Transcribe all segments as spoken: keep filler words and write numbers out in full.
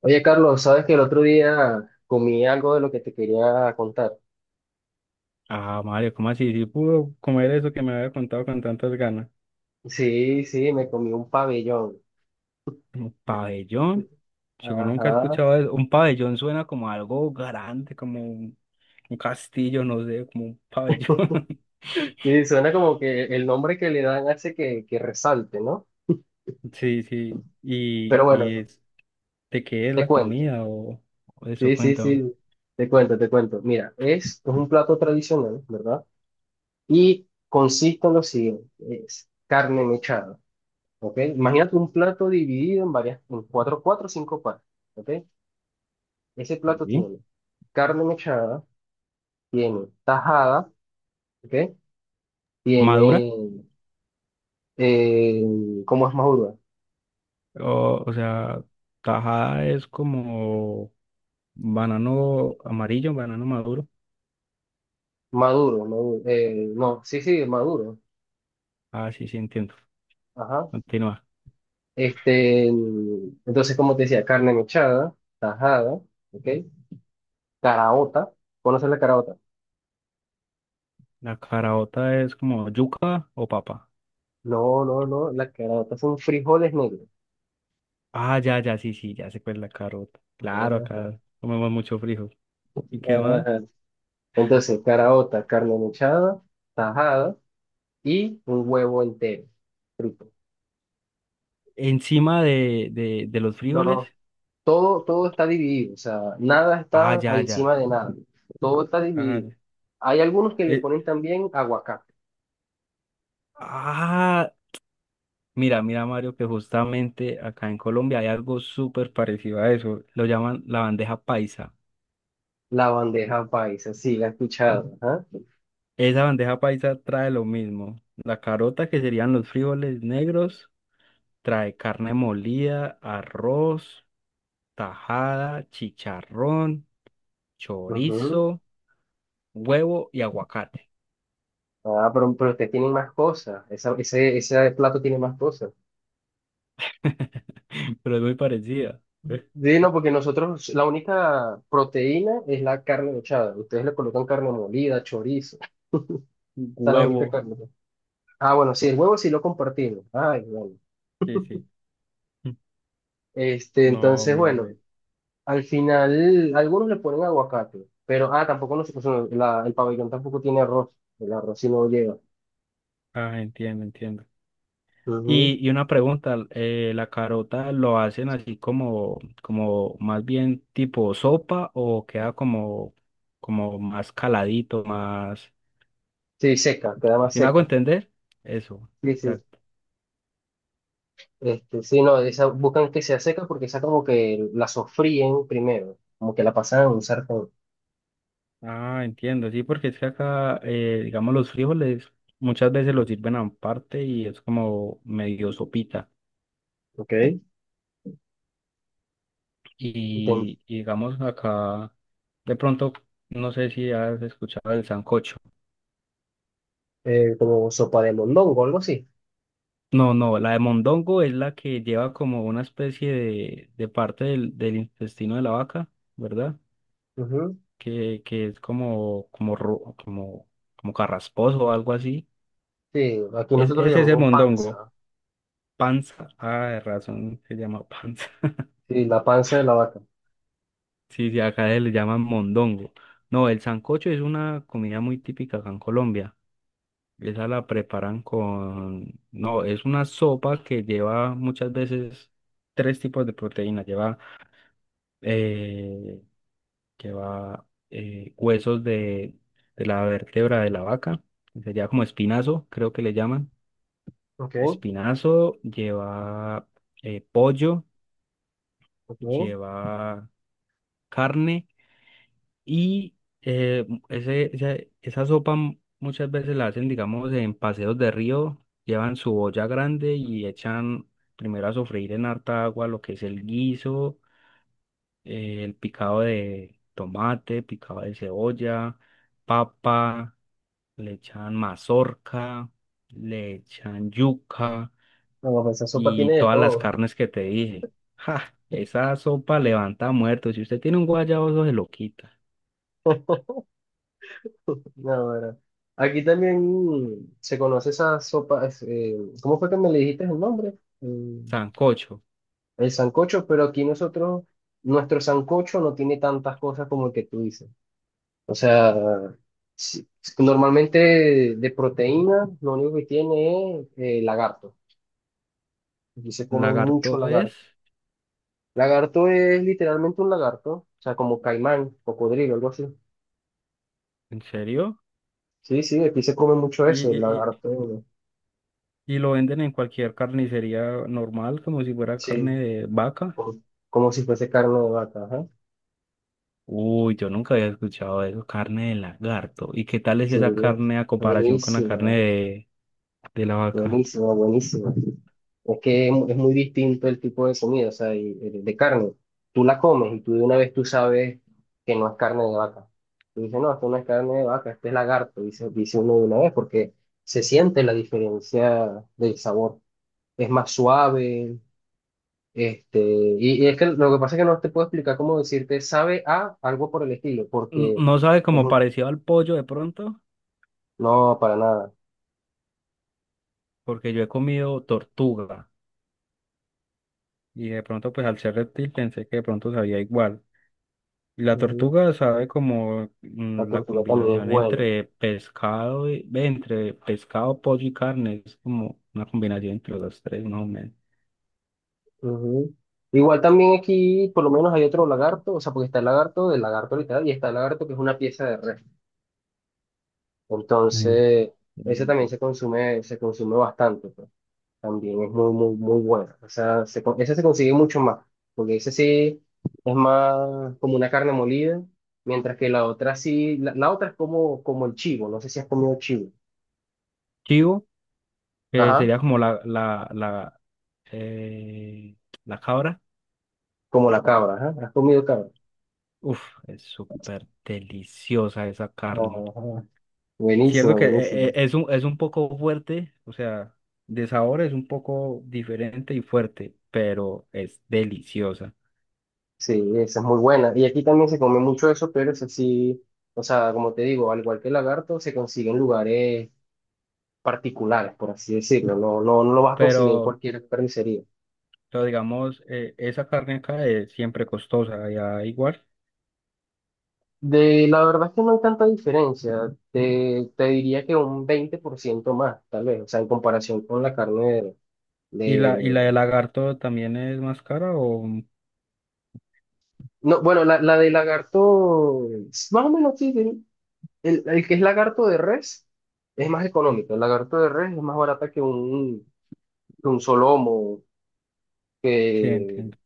Oye, Carlos, sabes que el otro día comí algo de lo que te quería contar. Ah, Mario, ¿cómo así? ¿Sí pudo comer eso que me había contado con tantas ganas? Sí, sí, me comí un pabellón. ¿Un pabellón? Yo nunca he Ajá. escuchado eso. Un pabellón suena como algo grande, como un, un castillo, no sé, como un pabellón. Sí, suena como que el nombre que le dan hace que, que resalte, ¿no? Sí, sí. ¿Y, Pero y bueno, es de qué es te la cuento. comida o, o eso? Sí, sí, Cuéntame. sí, te cuento, te cuento. Mira, es, es un plato tradicional, ¿verdad? Y consiste en lo siguiente, es carne mechada, ¿ok? Imagínate un plato dividido en varias, en cuatro, cuatro o cinco partes, ¿ok? Ese plato ¿Sí? tiene carne mechada, tiene tajada, ¿ok? ¿Madura? Tiene, eh, ¿cómo es maduro? O, o sea, tajada es como banano amarillo, banano maduro. Maduro, maduro, eh, no, sí, sí, maduro, Ah, sí, sí, entiendo. ajá. Continúa. Este, entonces, como te decía, carne mechada, tajada, ¿ok? Caraota, ¿conoces la caraota? La caraota es como yuca o papa. No, no, no, la caraota son frijoles negros. Ah, ya, ya, sí, sí, ya sé cuál es la carota. Claro, acá comemos mucho frijol. ¿Y qué Ah, más? ajá. Entonces, caraota, carne mechada, tajada y un huevo entero, frito. Encima de, de, de los No, frijoles. no, todo, todo está dividido, o sea, nada Ah, está ya, encima ya. de nada, todo está Ah, dividido. ya. Hay algunos que le Eh, ponen también aguacate. ah, mira, mira, Mario, que justamente acá en Colombia hay algo súper parecido a eso. Lo llaman la bandeja paisa. La bandeja paisa, sí, la he escuchado. Ajá. Esa bandeja paisa trae lo mismo. La carota, que serían los frijoles negros, trae carne molida, arroz, tajada, chicharrón, Ujú. chorizo, huevo y aguacate, Ah, pero, pero ustedes tienen más cosas, esa- ese, ese plato tiene más cosas. pero es muy parecida. ¿Eh? Sí, no, porque nosotros la única proteína es la carne mechada, ustedes le colocan carne molida, chorizo, o sea, la única Huevo, carne. Ah, bueno, sí, el huevo sí lo compartimos. Ay, bueno. sí, sí. Este, No, entonces, mira, bueno. ve. Al final, algunos le ponen aguacate, pero, ah, tampoco no se cocina, la- el pabellón tampoco tiene arroz, el arroz sí no lleva. Ah, entiendo, entiendo. Ujú. Y, y una pregunta, eh, ¿la carota lo hacen así como, como, más bien tipo sopa o queda como, como más caladito, más... Sí, seca, queda más ¿Sí me hago seca. entender? Eso, Sí, sí. exacto. Este, sí, no, esa, buscan que sea seca porque esa como que la sofríen primero, como que la pasan a un sartén. Ah, entiendo, sí, porque es que acá, eh, digamos, los frijoles muchas veces los sirven aparte y es como medio sopita. ¿Ok? Ten- Y, y digamos acá, de pronto, no sé si has escuchado el sancocho. eh, como sopa de mondongo, algo así. No, no, la de mondongo es la que lleva como una especie de, de parte del, del intestino de la vaca, ¿verdad? Ujú. Que, que es como, como, ro- como, como carrasposo o algo así. Sí, aquí Es, nosotros le ese es el llamamos mondongo. panza. Panza. Ah, de razón se llama panza. Sí, la panza de la vaca. Sí, sí, acá se le llaman mondongo. No, el sancocho es una comida muy típica acá en Colombia. Esa la preparan con... No, es una sopa que lleva muchas veces tres tipos de proteína. Lleva, eh, lleva eh, huesos de, de la vértebra de la vaca, que sería como espinazo, creo que le llaman. ¿Ok? Espinazo, lleva eh, pollo, ¿Ok? No, lleva carne y eh, ese, esa, esa sopa m- muchas veces la hacen, digamos, en paseos de río, llevan su olla grande y echan primero a sofreír en harta agua lo que es el guiso, eh, el picado de tomate, picado de cebolla, papa, le echan mazorca, le echan yuca pues esa sopa y tiene de todas las todo. carnes que te dije. ¡Ja! Esa sopa levanta muertos. Si usted tiene un guayabozo, se lo quita. No, bueno. Aquí también se conoce esa sopa. Es, eh, ¿cómo fue que me le dijiste el nombre? Eh, Sancocho. el sancocho, pero aquí nosotros, nuestro sancocho no tiene tantas cosas como el que tú dices. O sea, si- normalmente de proteína, lo único que tiene es eh, lagarto. Aquí se come mucho Lagarto es, lagarto. Lagarto es literalmente un lagarto, o sea, como caimán, cocodrilo, algo así. ¿en serio? Sí, sí, aquí se come mucho Y, eso, y, el y- lagarto. y lo venden en cualquier carnicería normal, como si fuera carne Sí, de vaca. como, como si fuese carne de vaca, ajá. Uy, yo nunca había escuchado eso, carne de lagarto. ¿Y qué tal es Sí, esa carne a comparación con la carne buenísima, de, de la vaca? buenísima, buenísima. Es que es, mu- es muy distinto el tipo de comida, o sea, y- de, de carne. Tú la comes y tú de una vez tú sabes que no es carne de vaca. Tú dices, no, esto no es carne de vaca, este es lagarto, dice, dice uno de una vez, porque se siente la diferencia del sabor. Es más suave, este, y, y es que lo que pasa es que no te puedo explicar cómo decirte sabe a algo por el estilo, N- porque No sabe es, como un- parecido al pollo de pronto, no, para nada. porque yo he comido tortuga y de pronto pues al ser reptil pensé que de pronto sabía igual. La Ujú. tortuga sabe como La mm, la tortuga también es combinación buena. entre pescado, y- ve, entre pescado, pollo y carne, es como una combinación entre los tres, más o menos. Ujú. Igual también aquí, por lo menos hay otro lagarto, o sea, porque está el lagarto del lagarto literal y está el lagarto que es una pieza de res. Mm. Entonces, ese también Entiendo. se consume, se consume bastante, pues. También es muy, muy, muy bueno. O sea, se, con- ese se consigue mucho más, porque ese sí es más como una carne molida, mientras que la otra sí, la, la otra es como, como el chivo, no sé si has comido chivo. Chivo, que Ajá, sería como la, la, la, eh, la cabra. como la cabra, ajá, has comido cabra. Uf, es súper deliciosa esa carne. Ajá. Cierto Buenísimo, que eh, eh, buenísimo. es un, es un poco fuerte, o sea, de sabor es un poco diferente y fuerte, pero es deliciosa. Sí, esa es muy buena. Y aquí también se come mucho eso, pero es así, o sea, como te digo, al igual que el lagarto, se consigue en lugares particulares, por así decirlo. No, no, no lo vas a conseguir en Pero cualquier carnicería. entonces digamos, eh, esa carne acá es siempre costosa, allá igual. De la verdad es que no hay tanta diferencia. Te, te diría que un veinte por ciento más, tal vez, o sea, en comparación con la carne de... ¿Y la, y la de de- lagarto también es más cara o...? ¿Mm? No, bueno, la, la de lagarto, más o menos sí, sí. el, el que es lagarto de res es más económico. El lagarto de res es más barata que un, que un solomo Sí, que entiendo.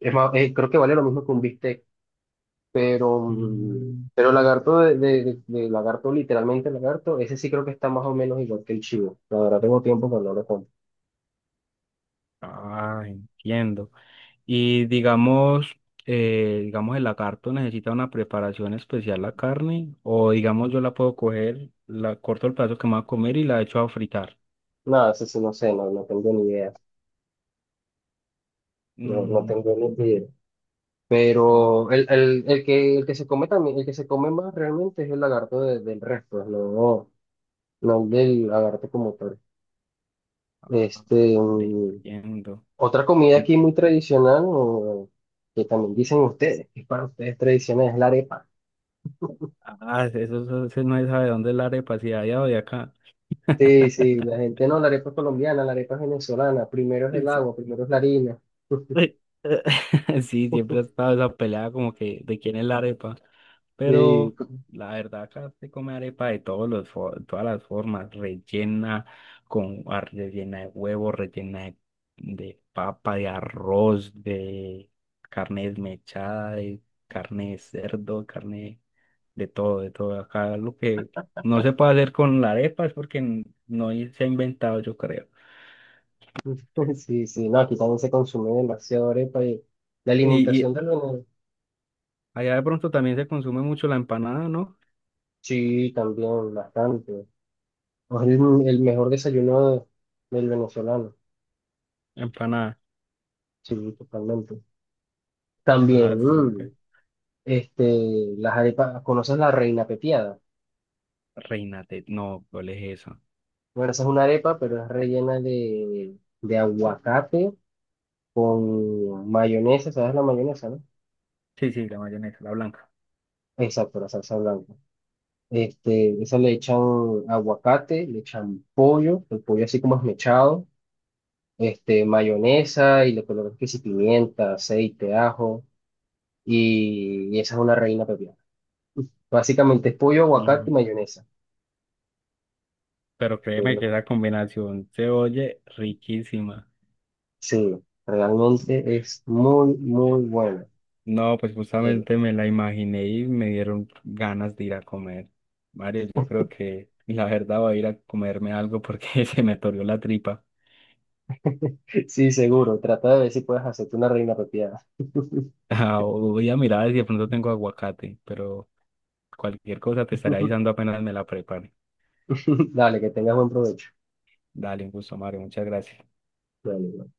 es más, eh, creo que vale lo mismo que un bistec, pero, mm, Mm, pero el lagarto de, de, de- de lagarto, literalmente lagarto, ese sí creo que está más o menos igual que el chivo. La verdad tengo tiempo que no lo como. ah, entiendo. Y digamos, eh, digamos, el lagarto necesita una preparación especial la carne, o digamos, yo la puedo coger, la corto el pedazo que me va a comer y la echo a fritar. Nada, ese sí no sé, no, no tengo ni idea. No, no Mm, tengo ni idea. ah, Pero el, el, el que, el que se come también, el que se come más realmente es el lagarto de- del resto, no, no el del lagarto como tal. ah, ah, Este, vale, mm, entiendo. Otra comida Mm, aquí muy tradicional, o que también dicen ustedes, que es para ustedes tradicional, es la arepa. Ah, eso, eso- eso no se sabe dónde es la arepa, si de allá o de acá. Sí, sí, la gente no, la arepa es colombiana, la arepa es venezolana, primero es el agua, primero es la harina. Sí, eh, sí, siempre ha estado esa pelea como que de quién es la arepa. Sí, Pero la verdad acá se come arepa de todos los, fo- todas las formas, rellena con ar- rellena de huevo, rellena de, de papa, de arroz, de carne desmechada, de carne de cerdo, carne de todo, de todo. Acá lo que no se puede hacer con la arepa es porque n- no se ha inventado, yo creo. sí, sí, no, aquí también se consume demasiado arepa y la Y, alimentación y del venezolano, allá de pronto también se consume mucho la empanada, ¿no? sí, también bastante. Es el, el mejor desayuno del venezolano, Empanada. sí, totalmente. Ah, También, mm, súper. este, las arepas, ¿conoces la reina pepiada? Reina Tet. No, ¿cuál es eso? Bueno, esa es una arepa, pero es rellena de, de aguacate con mayonesa, ¿sabes la mayonesa, no? Sí, sí, la mayonesa, la blanca. Exacto, la salsa blanca. Este, esa le echan aguacate, le echan pollo, el pollo así como esmechado, este, mayonesa y le colocan que si pimienta, aceite, ajo, y, y esa es una reina pepiada. Básicamente es pollo, Mm, aguacate y mayonesa, Pero créeme pero que esa combinación se oye riquísima. sí, realmente es muy, muy bueno. No, pues justamente me la imaginé y me dieron ganas de ir a comer. Mario, yo creo que la verdad voy a ir a comerme algo porque se me atorió la tripa. Sí, seguro. Trata de ver si puedes hacerte una reina pepiada. Ah, voy a mirar si de pronto tengo aguacate, pero cualquier cosa te estaré avisando apenas me la prepare. Dale, que tengas buen provecho. Dale, un gusto, Mario. Muchas gracias. Dale,